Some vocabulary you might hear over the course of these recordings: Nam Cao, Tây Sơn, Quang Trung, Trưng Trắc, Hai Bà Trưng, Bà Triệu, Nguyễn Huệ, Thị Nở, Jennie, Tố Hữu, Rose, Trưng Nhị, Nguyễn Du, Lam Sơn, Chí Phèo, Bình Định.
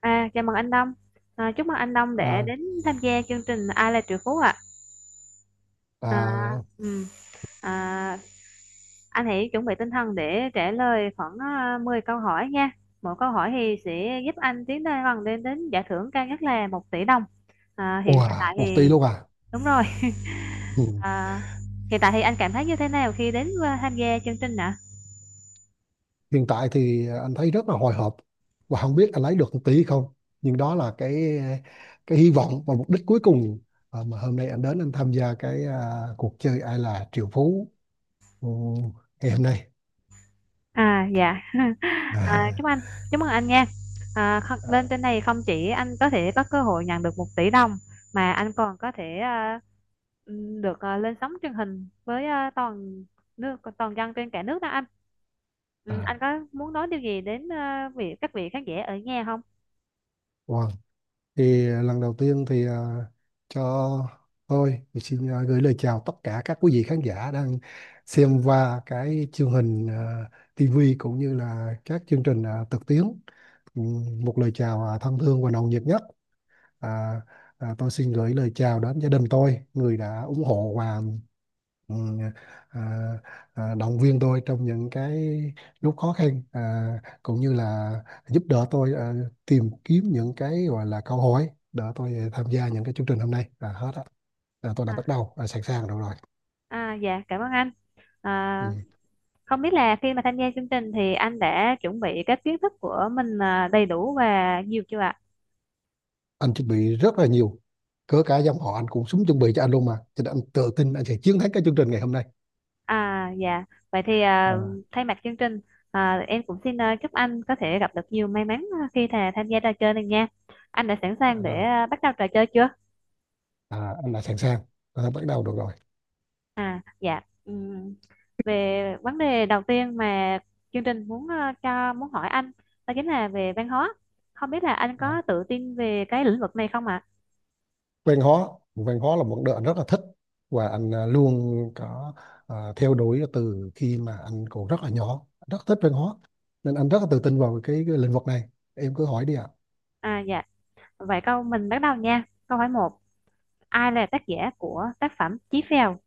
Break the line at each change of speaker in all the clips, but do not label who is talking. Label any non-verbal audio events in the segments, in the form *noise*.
Chào mừng anh Đông. Chúc mừng anh Đông để
À,
đến tham gia chương trình Ai là triệu phú ạ. À,
à,
ừm, à, anh hãy chuẩn bị tinh thần để trả lời khoảng 10 câu hỏi nha. Mỗi câu hỏi thì sẽ giúp anh tiến lên gần đến đến giải thưởng cao nhất là 1 tỷ đồng. Hiện
wow,
tại
một tỷ
thì
luôn à?
đúng rồi.
Ừ.
À, Hiện tại thì anh cảm thấy như thế nào khi đến tham gia chương trình ạ?
Hiện tại thì anh thấy rất là hồi hộp và không biết anh lấy được một tỷ không. Nhưng đó là cái hy vọng và mục đích cuối cùng mà hôm nay anh đến anh tham gia cái cuộc chơi ai là triệu phú ừ, ngày hôm nay.
Dạ. *laughs* À, chúc anh
*laughs*
Chúc mừng anh nha.
À, à,
Lên trên này không chỉ anh có thể có cơ hội nhận được 1 tỷ đồng mà anh còn có thể được lên sóng truyền hình với toàn dân trên cả nước đó anh. Ừ, anh
à,
có muốn nói điều gì đến à, vị các vị khán giả ở nhà không?
wow. Thì lần đầu tiên thì cho tôi thì xin gửi lời chào tất cả các quý vị khán giả đang xem qua cái chương trình TV cũng như là các chương trình trực tuyến. Ừ, Một lời chào thân thương và nồng nhiệt nhất. à, tôi xin gửi lời chào đến gia đình tôi, người đã ủng hộ và, ừ, à, động viên tôi trong những cái lúc khó khăn, cũng như là giúp đỡ tôi tìm kiếm những cái gọi là câu hỏi đỡ tôi tham gia những cái chương trình hôm nay là hết á. Là tôi đã
À,
bắt đầu sẵn sàng rồi rồi.
dạ cảm ơn anh.
Ừ.
À, Không biết là khi mà tham gia chương trình thì anh đã chuẩn bị các kiến thức của mình đầy đủ và nhiều chưa ạ?
Anh chuẩn bị rất là nhiều, cỡ cả dòng họ anh cũng súng chuẩn bị cho anh luôn mà, cho nên anh tự tin anh sẽ chiến thắng cái chương trình ngày hôm nay.
Dạ, vậy thì
à,
thay mặt chương trình em cũng xin chúc anh có thể gặp được nhiều may mắn khi thà tham gia trò chơi này nha. Anh đã sẵn sàng để
Rồi,
bắt đầu trò chơi chưa?
anh đã sẵn sàng, tôi đã bắt đầu được rồi.
Dạ. Về vấn đề đầu tiên mà chương trình muốn à, cho muốn hỏi anh, đó chính là về văn hóa. Không biết là anh
Đó.
có tự tin về cái lĩnh vực này không ạ?
văn hóa văn hóa là một đợt rất là thích, và anh luôn có theo đuổi từ khi mà anh còn rất là nhỏ, rất thích văn hóa, nên anh rất là tự tin vào cái lĩnh vực này. Em cứ hỏi đi ạ.
Dạ. Vậy câu mình bắt đầu nha. Câu hỏi một. Ai là tác giả của tác phẩm Chí Phèo?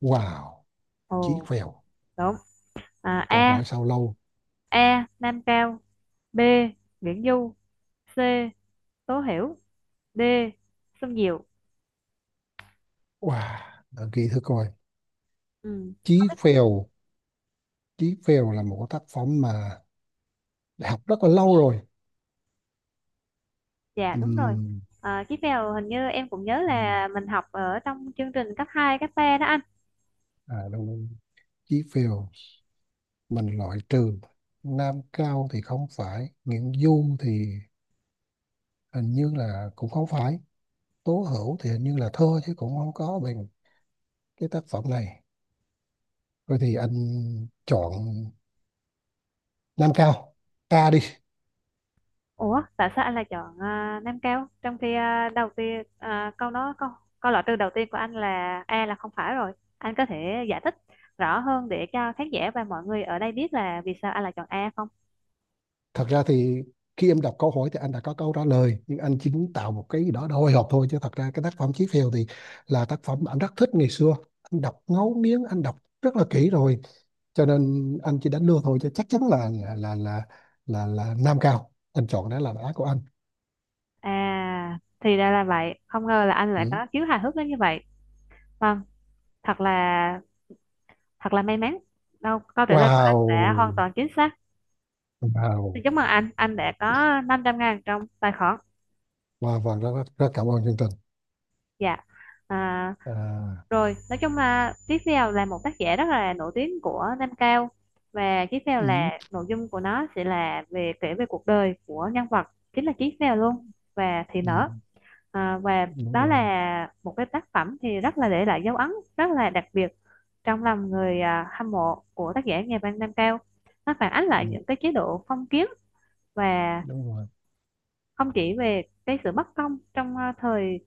Wow. Chí
Ồ,
Phèo.
đúng. À,
Câu
A.
hỏi sau lâu.
A. Nam Cao. B. Nguyễn Du. C. Tố Hiểu. D. Xuân Diệu.
Wow, đợi kỳ thử coi.
Ừ.
Chí
Không biết.
Phèo. Chí Phèo là một cái tác phẩm mà đã học rất là lâu rồi.
Dạ đúng rồi.
Ừm,
Chiếc mèo hình như em cũng nhớ
ừm,
là mình học ở trong chương trình cấp 2 cấp 3 đó anh.
đúng. Chí Phèo. Mình loại trừ. Nam Cao thì không phải, Nguyễn Du thì hình như là cũng không phải, Tố Hữu thì hình như là thơ chứ cũng không có bằng cái tác phẩm này. Rồi thì anh chọn Nam Cao, ca đi.
Ủa, tại sao anh lại chọn Nam Cao trong khi đầu tiên à, câu đó câu câu loại trừ đầu tiên của anh là A là không phải rồi, anh có thể giải thích rõ hơn để cho khán giả và mọi người ở đây biết là vì sao anh lại chọn A không?
Thật ra thì khi em đọc câu hỏi thì anh đã có câu trả lời, nhưng anh chỉ tạo một cái gì đó hồi hộp thôi, chứ thật ra cái tác phẩm Chí Phèo thì là tác phẩm anh rất thích ngày xưa, anh đọc ngấu nghiến, anh đọc rất là kỹ rồi, cho nên anh chỉ đánh lừa thôi, chứ chắc chắn là Nam Cao anh chọn, đó là đáp án của anh.
Thì ra là vậy. Không ngờ là anh lại
Ừ.
có khiếu hài hước đến như vậy. Vâng, thật là Thật là may mắn. Đâu, câu trả lời của anh đã hoàn
Wow.
toàn chính xác. Xin
Wow.
chúc mừng anh đã có 500.000 trong tài khoản.
Và rất, rất rất cảm ơn chương trình.
Dạ. À,
à,
Rồi, nói chung là tiếp theo là một tác giả rất là nổi tiếng của Nam Cao. Và tiếp theo
ừ,
là nội dung của nó sẽ là về kể về cuộc đời của nhân vật chính là Tiếp Phèo luôn và Thị
ừ,
Nở. Và
Đúng
đó
rồi.
là một cái tác phẩm thì rất là để lại dấu ấn rất là đặc biệt trong lòng người hâm mộ của tác giả nhà văn Nam Cao. Nó phản ánh lại
ừ,
những cái chế độ phong kiến và
Đúng rồi.
không chỉ về cái sự bất công trong thời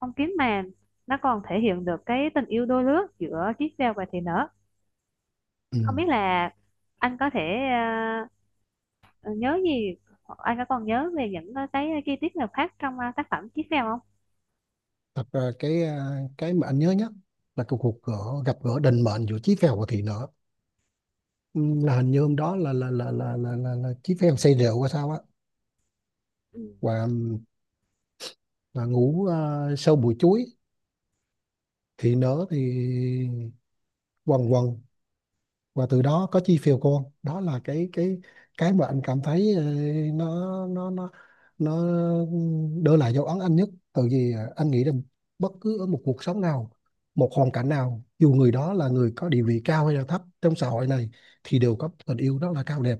phong kiến, mà nó còn thể hiện được cái tình yêu đôi lứa giữa Chí Phèo và Thị Nở.
Ừ.
Không biết là anh có thể ờ, nhớ gì hoặc anh có còn nhớ về những cái chi tiết nào khác trong tác phẩm Chí Phèo không?
Thật ra cái cái mà anh nhớ nhất là cái cuộc gặp gỡ định mệnh giữa Chí Phèo và Thị Nở. Ừ, là hình như hôm đó là Chí Phèo say rượu hay sao á,
Ừ.
và, và ngủ sâu bụi chuối. Thị Nở thì quần quần, và từ đó có chi phiếu cô, đó là cái mà anh cảm thấy nó nó nó nó đưa lại dấu ấn anh nhất. Tại vì anh nghĩ rằng bất cứ ở một cuộc sống nào, một hoàn cảnh nào, dù người đó là người có địa vị cao hay là thấp trong xã hội này, thì đều có tình yêu rất là cao đẹp.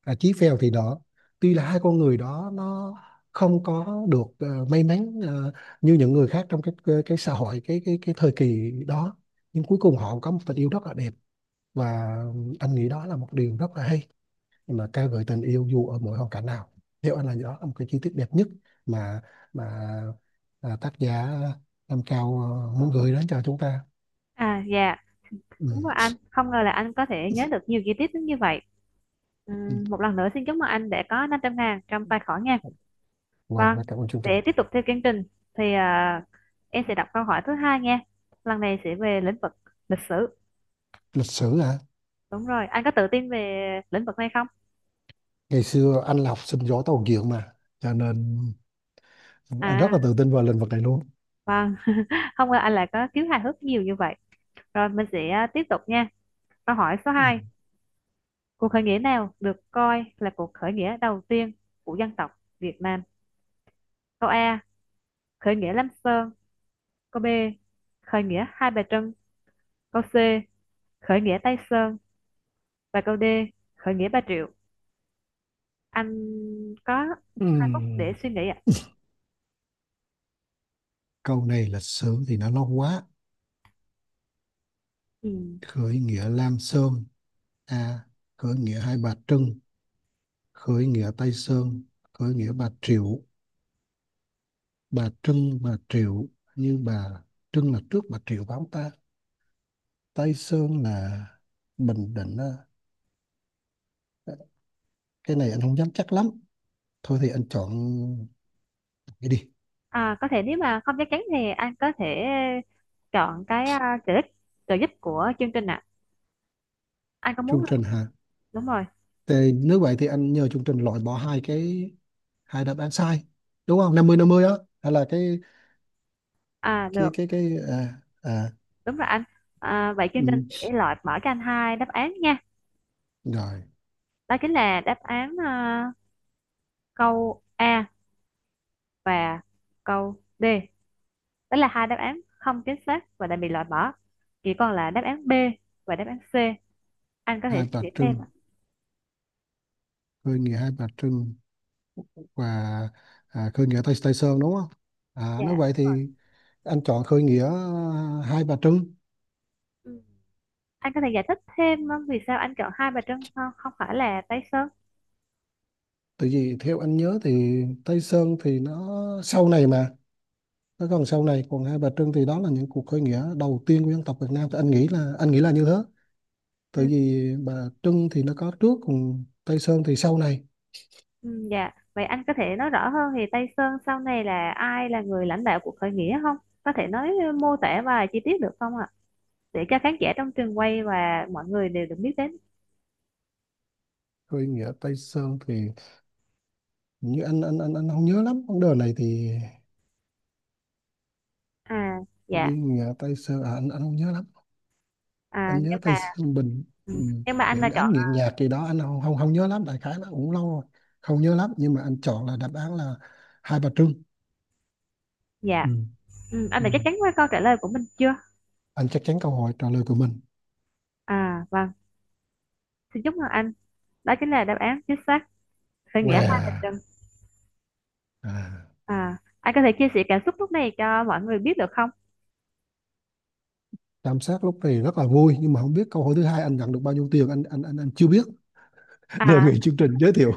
Chí Phèo thì đó, tuy là hai con người đó nó không có được may mắn như những người khác trong cái xã hội, cái thời kỳ đó, nhưng cuối cùng họ có một tình yêu rất là đẹp. Và anh nghĩ đó là một điều rất là hay, mà ca ngợi tình yêu dù ở mỗi hoàn cảnh nào. Theo anh là đó là một cái chi tiết đẹp nhất mà mà tác giả Nam Cao muốn gửi đến cho chúng ta.
Dạ
Ừ.
đúng rồi. Anh không ngờ là anh có thể nhớ được nhiều chi tiết đến như vậy.
Ừ.
Một lần nữa xin chúc mừng anh đã có 500 ngàn trong tài khoản nha.
Wow,
Vâng,
rất cảm ơn chương trình.
để tiếp tục theo chương trình thì em sẽ đọc câu hỏi thứ hai nha. Lần này sẽ về lĩnh vực lịch sử.
Lịch sử hả?
Đúng rồi, anh có tự tin về lĩnh vực này không?
Ngày xưa anh là học sinh giỏi tàu diện mà, cho nên anh rất
À,
là tự tin vào lĩnh vực này luôn.
vâng, *laughs* không ngờ anh lại có khiếu hài hước nhiều như vậy. Rồi mình sẽ tiếp tục nha. Câu hỏi số
Ừ.
hai. Cuộc khởi nghĩa nào được coi là cuộc khởi nghĩa đầu tiên của dân tộc Việt Nam? Câu A. Khởi nghĩa Lam Sơn. Câu B. Khởi nghĩa Hai Bà Trưng. Câu C. Khởi nghĩa Tây Sơn. Và câu D. Khởi nghĩa Bà Triệu. Anh có
Ừ.
2 phút để suy nghĩ ạ.
Câu này lịch sử thì nó lâu quá.
Ừ.
Khởi nghĩa Lam Sơn. À. Khởi nghĩa Hai Bà Trưng. Khởi nghĩa Tây Sơn. Khởi nghĩa Bà Triệu. Bà Trưng, bà Triệu, như bà Trưng là trước bà Triệu bám ta. Tây Sơn là Bình Định. Cái này anh không dám chắc lắm. Thôi thì anh chọn cái đi.
Có thể nếu mà không chắc chắn thì anh có thể chọn cái trợ giúp của chương trình ạ. Anh có
Chương
muốn không?
trình hả?
Đúng rồi.
Thì nếu vậy thì anh nhờ chương trình loại bỏ hai hai đáp án sai, đúng không, năm mươi năm mươi á, hay là cái
Được,
cái cái à, à,
đúng rồi anh. Vậy chương trình
ừ.
sẽ loại mở cho anh hai đáp án nha.
Rồi.
Đó chính là đáp án câu A và câu D. Đó là hai đáp án không chính xác và đã bị loại bỏ. Chỉ còn là đáp án B và đáp án C. Anh có thể
Hai
suy
bà
nghĩ
Trưng,
thêm ạ.
khởi nghĩa hai bà Trưng, và khơi nghĩa Tây Sơn đúng không? À, nếu
Dạ
vậy
đúng rồi.
thì anh chọn khơi nghĩa Hai Bà Trưng.
Ừ. Anh có thể giải thích thêm vì sao anh chọn Hai Bà Trưng, không không phải là Tây Sơn?
Tại vì theo anh nhớ thì Tây Sơn thì nó sau này mà, nó còn sau này, còn Hai Bà Trưng thì đó là những cuộc khơi nghĩa đầu tiên của dân tộc Việt Nam, thì anh nghĩ là như thế. Tại
Ừ,
vì Bà Trưng thì nó có trước, còn Tây Sơn thì sau này.
ừ, dạ. Vậy anh có thể nói rõ hơn thì Tây Sơn sau này là ai là người lãnh đạo cuộc khởi nghĩa không? Có thể nói mô tả và chi tiết được không ạ? Để cho khán giả trong trường quay và mọi người đều được biết đến.
Khơi nghĩa Tây Sơn thì như anh không nhớ lắm vấn đề này thì,
À, dạ.
đi nghĩa Tây Sơn à, anh không nhớ lắm,
À,
anh
nhưng
nhớ Tây
mà
Sương Bình.
ừ,
Ừ.
nhưng mà anh
Nghiện,
đã
anh
chọn.
nghiện nhạc gì đó anh không không, không nhớ lắm, đại khái nó cũng lâu rồi, không nhớ lắm, nhưng mà anh chọn là đáp án là Hai Bà Trưng.
Dạ.
Ừ.
Ừ, anh
Ừ.
đã chắc chắn với câu trả lời của mình chưa?
Anh chắc chắn câu hỏi trả lời của mình.
Vâng. Xin chúc mừng anh. Đó chính là đáp án chính xác. Khởi nghĩa Hai Bà
Wow.
Trưng.
À.
Anh có thể chia sẻ cảm xúc lúc này cho mọi người biết được không?
Tam sát lúc này rất là vui, nhưng mà không biết câu hỏi thứ hai anh nhận được bao nhiêu tiền, anh chưa biết. *laughs* Đề
À,
nghị chương trình giới thiệu,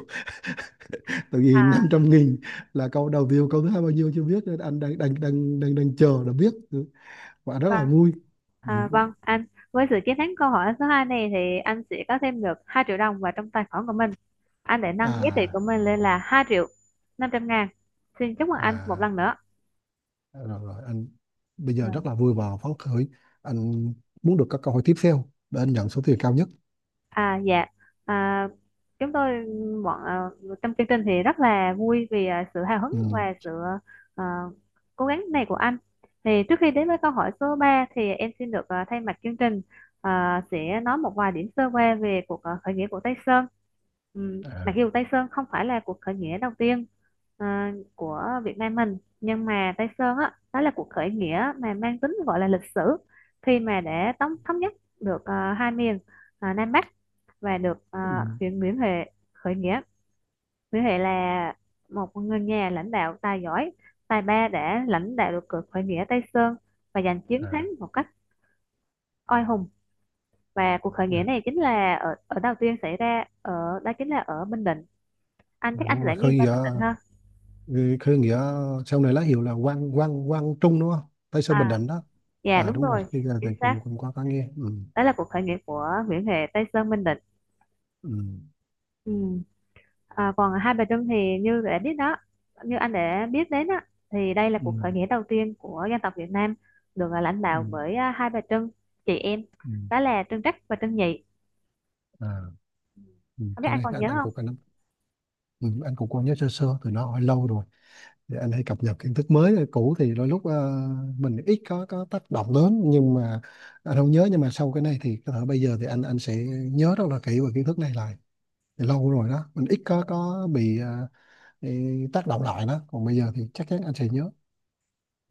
tại
À.
vì 500 nghìn là câu đầu view, câu thứ hai bao nhiêu chưa biết, nên anh đang đang đang đang, đang chờ để biết. Ừ, và rất là
Vâng,
vui. Ừ.
à, vâng anh với sự chiến thắng câu hỏi số 2 này thì anh sẽ có thêm được 2 triệu đồng vào trong tài khoản của mình. Anh để nâng giá trị của
à
mình lên là 2.500.000. Xin chúc mừng anh một
à
lần nữa.
Rồi, rồi anh bây giờ rất là vui và phấn khởi, anh muốn được các câu hỏi tiếp theo để anh nhận số tiền cao nhất.
Dạ, à, chúng tôi bọn à, trong chương trình thì rất là vui vì sự hào hứng
Ừ.
và sự à, cố gắng này của anh. Thì trước khi đến với câu hỏi số 3 thì em xin được thay mặt chương trình sẽ nói một vài điểm sơ qua về cuộc khởi nghĩa của Tây Sơn. Ừ, mặc
À.
dù Tây Sơn không phải là cuộc khởi nghĩa đầu tiên của Việt Nam mình, nhưng mà Tây Sơn á, đó là cuộc khởi nghĩa mà mang tính gọi là lịch sử, khi mà để tống thống nhất được hai miền Nam Bắc và được
Ừ.
huyện Nguyễn Huệ khởi nghĩa. Nguyễn Huệ là một người nhà lãnh đạo tài giỏi, tài ba đã lãnh đạo được cuộc khởi nghĩa Tây Sơn và giành chiến thắng
À.
một cách oai hùng. Và cuộc khởi
À.
nghĩa này chính là ở ở đầu tiên xảy ra ở đó chính là ở Bình Định. Anh
À,
chắc
đúng
anh
rồi,
sẽ
khơi
nghiêng về
nghĩa
Bình Định ha.
khơi nghĩa sau này lá hiệu là Quang Quang Quang Trung đúng không? Tây Sơn Bình
À,
Định đó.
dạ
À
đúng
đúng rồi,
rồi,
khi ra
chính
thì
xác.
cùng cùng qua có nghe. Ừ.
Đó là cuộc khởi nghĩa của Nguyễn Huệ Tây Sơn Bình Định.
Ừ.
Ừ. Còn hai bà Trưng thì như đã biết đó, như anh đã biết đến á, thì đây là
Ừ.
cuộc khởi nghĩa đầu tiên của dân tộc Việt Nam được lãnh
Ừ.
đạo bởi hai bà Trưng, chị em,
Ừ.
đó là Trưng Trắc và Trưng Nhị.
À. Ừ.
Không biết
Cái
anh
này
còn nhớ
anh
không?
cũng anh, ừ. anh cũng có nhớ sơ sơ, từ nó hỏi lâu rồi, thì anh hay cập nhật kiến thức mới, cũ thì đôi lúc mình ít có tác động lớn. Nhưng mà anh không nhớ, nhưng mà sau cái này thì có thể bây giờ thì anh sẽ nhớ rất là kỹ về kiến thức này lại. Thì lâu rồi đó, mình ít có bị bị tác động lại đó, còn bây giờ thì chắc chắn anh sẽ nhớ.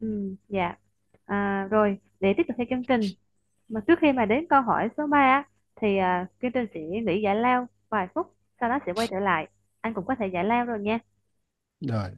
Ừ, dạ. Rồi, để tiếp tục theo chương trình, mà trước khi mà đến câu hỏi số 3 á, thì chương trình sẽ nghỉ giải lao vài phút, sau đó sẽ quay trở lại. Anh cũng có thể giải lao rồi nha.
Rồi.